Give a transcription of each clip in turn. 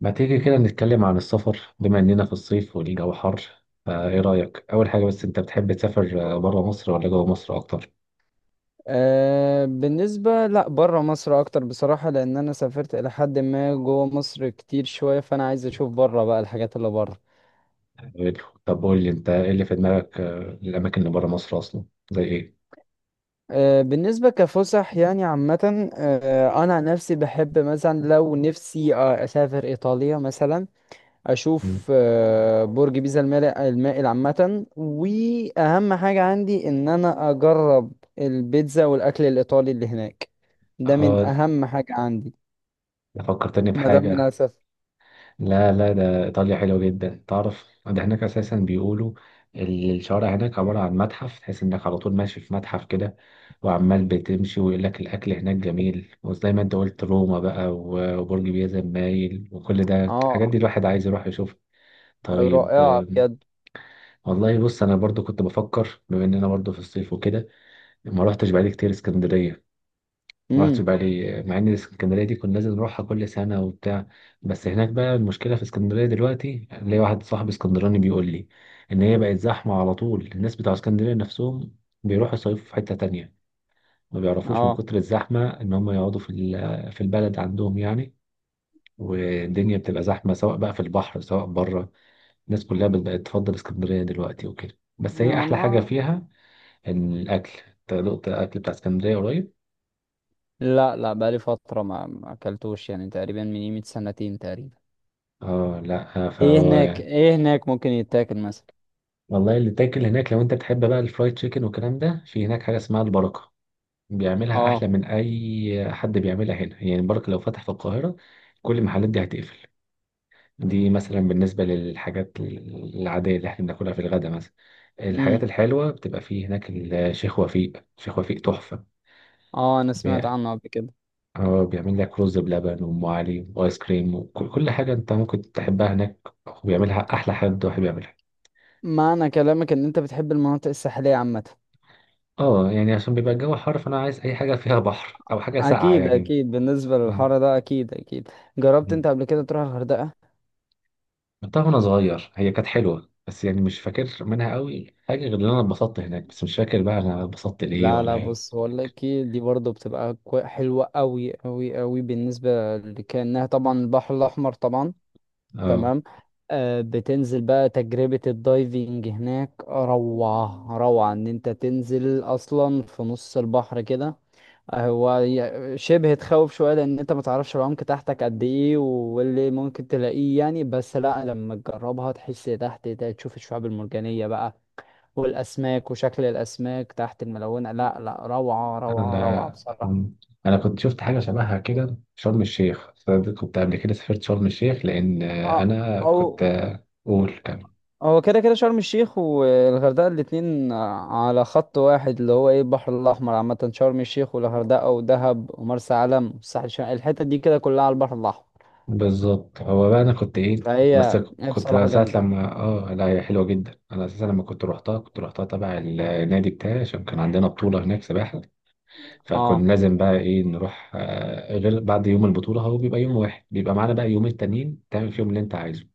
ما تيجي كده نتكلم عن السفر بما إننا في الصيف والجو حر فإيه رأيك؟ أول حاجة بس أنت بتحب تسافر بره مصر ولا جوه مصر أكتر؟ بالنسبة لا برا مصر أكتر بصراحة، لأن أنا سافرت إلى حد ما جوا مصر كتير شوية، فأنا عايز أشوف برا بقى الحاجات اللي برا. حلو. طب قول لي أنت إيه اللي في دماغك الأماكن اللي بره مصر أصلا؟ زي إيه؟ بالنسبة كفسح يعني عامة، أنا عن نفسي بحب مثلا، لو نفسي أسافر إيطاليا مثلا. مم. أشوف برج بيزا المائل عامة. وأهم حاجة عندي إن أنا أجرب البيتزا والأكل الإيطالي اللي هناك. ده من آه، أهم حاجة عندي فكرتني ما دام أنا بحاجة. هسافر. لا لا، ده إيطاليا حلوة جدا، تعرف ده هناك أساسا بيقولوا الشوارع هناك عبارة عن متحف، تحس إنك على طول ماشي في متحف كده وعمال بتمشي، ويقول لك الأكل هناك جميل، وزي ما أنت قلت روما بقى وبرج بيزا المايل، وكل ده الحاجات اه، دي الواحد عايز يروح يشوفها. طيب، رائعة بجد. والله بص أنا برضو كنت بفكر بما إننا برضو في الصيف وكده، ما روحتش بقالي كتير اسكندرية. ما رحتش امم، بالي مع ان اسكندريه دي كنا لازم نروحها كل سنه وبتاع. بس هناك بقى المشكله في اسكندريه دلوقتي، ليا واحد صاحب اسكندراني بيقول لي ان هي بقت زحمه، على طول الناس بتوع اسكندريه نفسهم بيروحوا يصيفوا في حته تانية، ما بيعرفوش من اه، كتر الزحمه ان هم يقعدوا في البلد عندهم يعني. والدنيا بتبقى زحمه سواء بقى في البحر سواء بره. الناس كلها بقت تفضل اسكندريه دلوقتي وكده، بس هي يا احلى حاجه ما. فيها ان الاكل. انت دقت الاكل بتاع اسكندريه قريب؟ لا لا، بقالي فترة ما اكلتوش، يعني تقريبا من قيمة سنتين تقريبا. اه لا، ايه فهو هناك ايه هناك ممكن يتاكل مثلا؟ والله اللي تاكل هناك لو انت بتحب بقى الفرايد تشيكن والكلام ده، في هناك حاجه اسمها البركه، بيعملها اه. احلى من اي حد بيعملها هنا، يعني البركه لو فتح في القاهره كل المحلات دي هتقفل. دي مثلا بالنسبه للحاجات العاديه اللي احنا بناكلها في الغدا مثلا. الحاجات امم، الحلوه بتبقى في هناك الشيخ وفيق، شيخ وفيق تحفه. اه، انا سمعت بي- عنه قبل كده. اه، بيعمل لك رز بلبن وام علي وايس كريم، وكل كل حاجه انت ممكن تحبها هناك، وبيعملها احلى حد واحد بيعملها. معنى كلامك ان انت بتحب المناطق الساحلية عامة؟ اه، يعني عشان بيبقى الجو حر فانا عايز اي حاجه فيها بحر او حاجه ساقعه اكيد يعني. اكيد، بالنسبة اه. للحر ده اكيد اكيد. جربت مم. انت قبل كده تروح الغردقة؟ رحتها وانا صغير، هي كانت حلوه بس يعني مش فاكر منها قوي حاجه غير ان انا اتبسطت هناك، بس مش فاكر بقى انا اتبسطت ليه لا ولا لا، ايه. بص هقول لك إيه، دي برضو بتبقى حلوة قوي قوي قوي، بالنسبة لكأنها طبعا البحر الاحمر طبعا. اه. تمام. بتنزل بقى تجربة الدايفنج هناك، روعة روعة ان انت تنزل اصلا في نص البحر كده. هو شبه تخوف شوية، لان انت ما تعرفش العمق تحتك قد ايه واللي ممكن تلاقيه يعني. بس لا، لما تجربها تحس تحت ده، تشوف الشعاب المرجانية بقى والاسماك وشكل الاسماك تحت الملونة. لا لا، روعة روعة روعة انا بصراحة. مم. انا كنت شفت حاجه شبهها كده في شرم الشيخ، فأنا كنت قبل كده سافرت شرم الشيخ لان اه. انا او، كنت، قول كمل. هو كده كده شرم الشيخ والغردقة الاتنين على خط واحد، اللي هو ايه، البحر الأحمر عامة. شرم الشيخ والغردقة ودهب ومرسى علم والساحل الشمالي، الحتة دي كده كلها على البحر الأحمر. بالظبط، هو بقى انا كنت ايه، كنت بس فهي هي كنت بصراحة ساعة جامدة. لما اه لا، هي حلوة جدا، انا اساسا لما كنت روحتها كنت روحتها تبع النادي بتاعي عشان كان عندنا بطولة هناك سباحة. فكنا اه لازم بقى ايه نروح، غير بعد يوم البطولة هو بيبقى يوم واحد، بيبقى معانا بقى يومين تانيين تعمل فيهم اللي انت عايزه.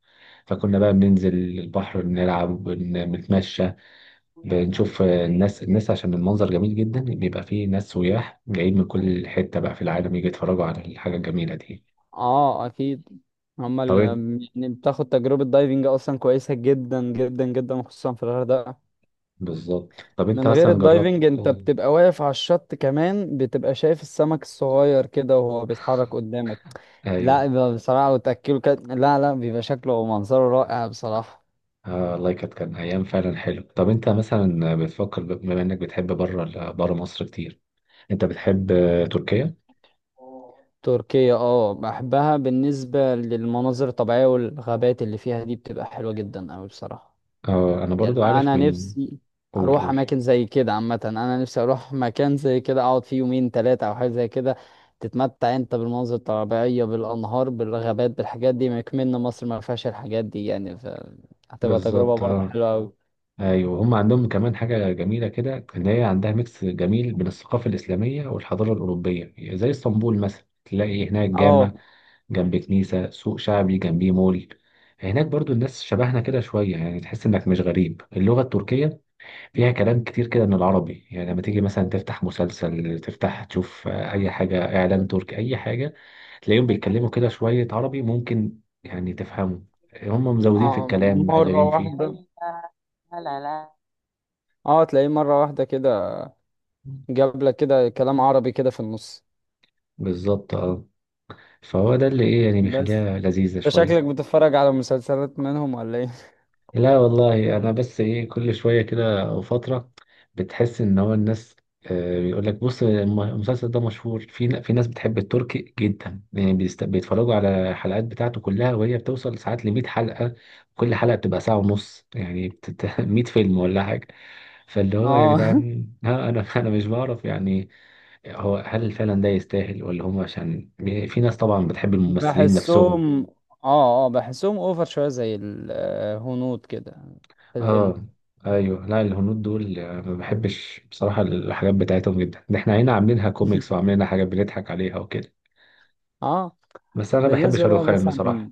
فكنا بقى بننزل البحر بنلعب بنتمشى، بنشوف الناس عشان المنظر جميل جدا، بيبقى فيه ناس سياح جايين من كل حتة بقى في العالم يجي يتفرجوا على الحاجة الجميلة دي. اه، أكيد. هما طب. اللي يعني بتاخد تجربة دايفنج أصلا كويسة جدا جدا جدا، خصوصا في الغردقة. بالظبط، طب انت من غير مثلا جربت؟ الدايفنج انت بتبقى واقف على الشط، كمان بتبقى شايف السمك الصغير كده وهو بيتحرك قدامك. ايوه. لا يبقى بصراحة وتأكله كده، لا لا، بيبقى شكله ومنظره رائع بصراحة. آه والله كانت كان ايام فعلا حلو. طب انت مثلا بتفكر بما انك بتحب بره بره مصر كتير، انت بتحب تركيا؟ تركيا اه، بحبها بالنسبة للمناظر الطبيعية والغابات اللي فيها، دي بتبقى حلوة جدا أوي بصراحة. اه، انا يعني برضو عارف انا من... نفسي قول اروح قول. اماكن زي كده عامه. انا نفسي اروح مكان زي كده، اقعد فيه يومين ثلاثه او حاجه زي كده. تتمتع انت بالمناظر الطبيعيه، بالانهار، بالغابات، بالحاجات دي. ما يكمن مصر ما فيهاش الحاجات دي يعني، ف... هتبقى تجربه بالظبط برضه اه. حلوه قوي. ايوه، هم عندهم كمان حاجه جميله كده، ان هي عندها ميكس جميل بين الثقافه الاسلاميه والحضاره الاوروبيه زي اسطنبول مثلا، تلاقي هناك اه. جامع جنب كنيسه، سوق شعبي جنبيه مول. هناك برضو الناس شبهنا كده شويه، يعني تحس انك مش غريب، اللغه التركيه فيها كلام كتير كده من العربي، يعني لما تيجي مثلا تفتح مسلسل تفتح تشوف اي حاجة، اعلان تركي اي حاجة، تلاقيهم بيتكلموا كده شوية عربي ممكن يعني تفهمه. هم مزودين في آه، الكلام مره مقللين فيه. واحده. اه، تلاقيه مره واحده كده، جاب لك كده كلام عربي كده في النص. بالظبط اه، فهو ده اللي ايه يعني بس بيخليها لذيذة انت شكلك شوية. بتتفرج على مسلسلات منهم ولا ايه؟ لا والله، انا بس ايه كل شويه كده او فتره بتحس ان هو الناس بيقول لك بص المسلسل ده مشهور في في ناس بتحب التركي جدا، يعني بيتفرجوا على الحلقات بتاعته كلها، وهي بتوصل ساعات ل 100 حلقه. كل حلقه بتبقى ساعه ونص، يعني 100 فيلم ولا حاجه. فاللي هو يا اه جدعان، ها انا انا مش بعرف يعني، هو هل فعلا ده يستاهل، ولا هم عشان في ناس طبعا بتحب الممثلين نفسهم. بحسهم، اه اه بحسهم اوفر شويه زي الهنود كده، في الهند. اه. ايوه لا، الهنود دول ما بحبش بصراحه الحاجات بتاعتهم جدا، ده احنا هنا عاملينها كوميكس وعاملينها حاجات بنضحك عليها وكده. اه. بس انا بحب بالنسبه بقى شاروخان خان مثلا، بصراحه.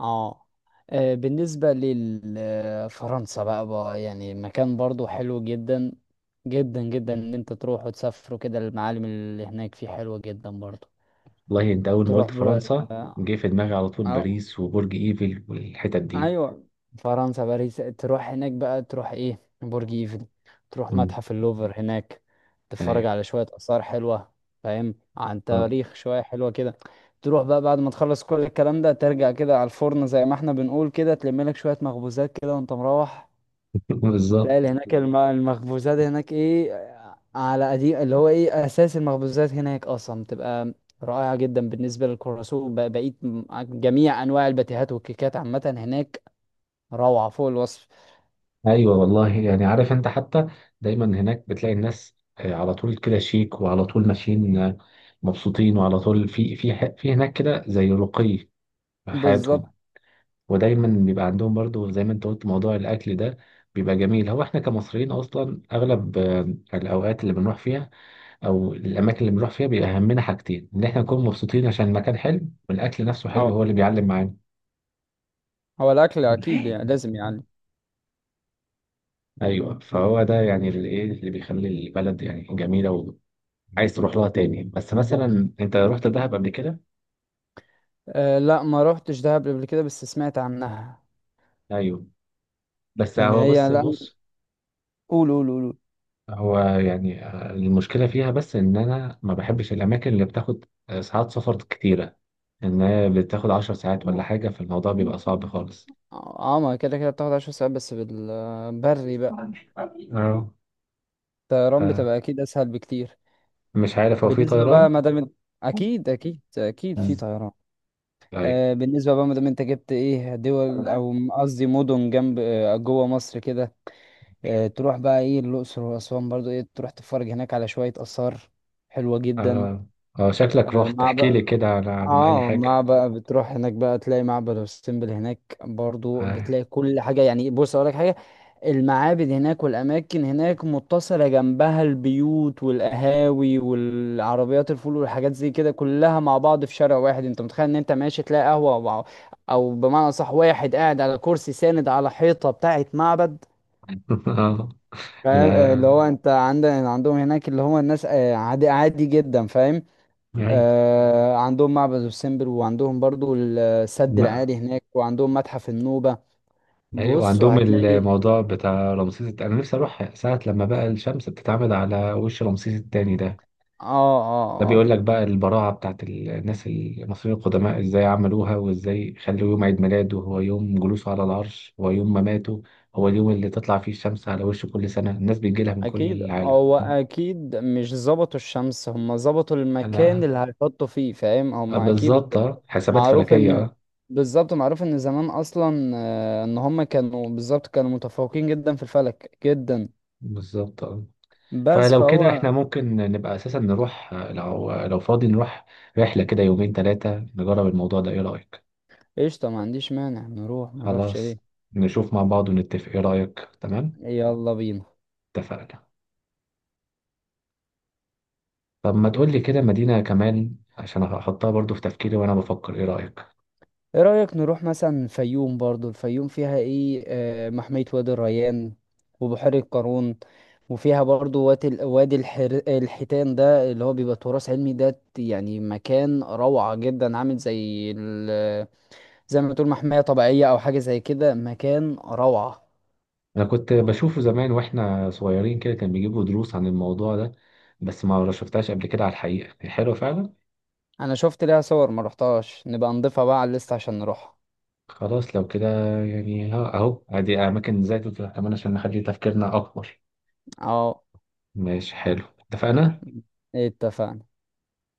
اه، بالنسبه لفرنسا بقى، يعني مكان برضو حلو جدا جدا جدا، ان انت تروح وتسافر وكده. المعالم اللي هناك فيه حلوه جدا برضو. والله انت اول ما قلت تروح فرنسا جه في دماغي على طول بقى، باريس وبرج ايفل والحتت دي. ايوه، فرنسا باريس، تروح هناك بقى، تروح ايه برج ايفل، تروح أمم، متحف اللوفر هناك، تتفرج ايوه. على شوية آثار حلوة، فاهم عن آه. تاريخ شوية حلوة كده. تروح بقى بعد ما تخلص كل الكلام ده، ترجع كده على الفرن زي ما احنا بنقول كده، تلم لك شوية مخبوزات كده وانت مروح. بالظبط. تلاقي اللي هناك المخبوزات هناك ايه، على قديم اللي هو ايه، اساس المخبوزات هناك اصلا بتبقى رائعة جدا، بالنسبة للكرواسون بقيت جميع انواع الباتيهات والكيكات عامة هناك، روعة فوق الوصف. ايوه والله، يعني عارف انت حتى دايما هناك بتلاقي الناس على طول كده شيك وعلى طول ماشيين مبسوطين، وعلى طول في هناك كده زي رقي في بالظبط حياتهم. ودايما بيبقى عندهم برضو زي ما انت قلت موضوع الاكل ده بيبقى جميل، هو احنا كمصريين اصلا اغلب الاوقات اللي بنروح فيها او الاماكن اللي بنروح فيها بيبقى همنا حاجتين، ان احنا نكون مبسوطين عشان المكان حلو والاكل نفسه حلو اه. هو اللي بيعلم معانا. هو الأكل أكيد يعني، لازم يعني. ايوه، فهو ده يعني اللي ايه اللي بيخلي البلد يعني جميله وعايز تروح لها تاني. بس مثلا انت رحت دهب قبل كده؟ أه لا، ما روحتش دهب قبل كده، بس سمعت عنها. ايوه، بس إن هو هي بص لا، بص. قول قول قول قول. هو يعني المشكلة فيها بس إن أنا ما بحبش الأماكن اللي بتاخد ساعات سفر كتيرة، إن هي بتاخد عشر ساعات ولا حاجة فالموضوع بيبقى صعب خالص. اه، ما كده كده بتاخد 10 ساعات بس بالبري بقى. أه، الطيران بتبقى أكيد أسهل بكتير. مش عارف هو في بالنسبة بقى طيران؟ ما دام إنت- أكيد أكيد أكيد في مم. طيران. طيب. بالنسبة بقى ما دام أنت جبت إيه دول، أو قصدي مدن جنب جوه مصر كده. أه تروح بقى إيه، الأقصر وأسوان، برضو إيه، تروح تتفرج هناك على شوية آثار حلوة جدا. آه. آه، شكلك آه، رحت احكي لي معبد. كده عن أي اه، ما حاجة. بقى بتروح هناك بقى تلاقي معبد السمبل، هناك برضو آه. بتلاقي كل حاجة يعني. بص اقول لك حاجة، المعابد هناك والاماكن هناك متصلة جنبها البيوت والقهاوي والعربيات الفول والحاجات زي كده كلها مع بعض في شارع واحد. انت متخيل ان انت ماشي تلاقي قهوة او، أو بمعنى صح، واحد قاعد على كرسي ساند على حيطة بتاعت معبد، آه. فاهم؟ لا اللي هو انت عندهم هناك، اللي هو الناس عادي عادي جدا، فاهم؟ يعني عندهم معبد السمبر، وعندهم برضو السد ما... العالي هناك، وعندهم متحف النوبة. أيوة، بص وعندهم وهتلاقي، الموضوع بتاع رمسيس أنا نفسي أروح ساعة لما بقى الشمس بتتعمد على وش رمسيس التاني ده، اه ده اه اه. بيقول لك بقى البراعة بتاعت الناس المصريين القدماء ازاي عملوها، وازاي خلوا يوم عيد ميلاده هو يوم جلوسه على العرش هو يوم مماته، هو اليوم اللي تطلع فيه الشمس على وشه كل سنة الناس بتجيلها من كل اكيد العالم. هو اكيد مش ظبطوا الشمس، هم ظبطوا لا، المكان اللي هيحطوا فيه، فاهم؟ هم اكيد بالظبط اه، حسابات معروف فلكية ان، اه. بالظبط، معروف ان زمان اصلا ان هم كانوا بالظبط كانوا متفوقين جدا في الفلك جدا. بالظبط اه. بس فلو كده فهو، احنا ممكن نبقى اساسا نروح، لو لو فاضي نروح رحلة كده يومين ثلاثة نجرب الموضوع ده، ايه رأيك؟ قشطة، ما عنديش مانع نروح، ما نروحش ليه؟ خلاص، نشوف مع بعض ونتفق، ايه رأيك؟ تمام. يلا بينا. اتفقنا. طب ما تقولي كده مدينة كمان عشان أحطها برضو في تفكيري وأنا بفكر، إيه رأيك؟ ايه رأيك نروح مثلا الفيوم؟ برضو الفيوم فيها ايه محمية وادي الريان، وبحيرة قارون، وفيها برضو وادي الحيتان. ده اللي هو بيبقى تراث علمي، ده يعني مكان روعة جدا، عامل زي ال... زي ما تقول محمية طبيعية او حاجة زي كده، مكان روعة. أنا كنت بشوفه زمان وإحنا صغيرين كده، كان بيجيبوا دروس عن الموضوع ده، بس ما شفتهاش قبل كده على الحقيقة، هي حلوة فعلا. انا شفت ليها صور، ما رحتهاش، نبقى نضيفها بقى على الليست عشان نروحها. خلاص لو كده، يعني أهو أدي أماكن زي دي كمان عشان نخلي تفكيرنا أكبر. اه، ماشي حلو، اتفقنا؟ اتفقنا.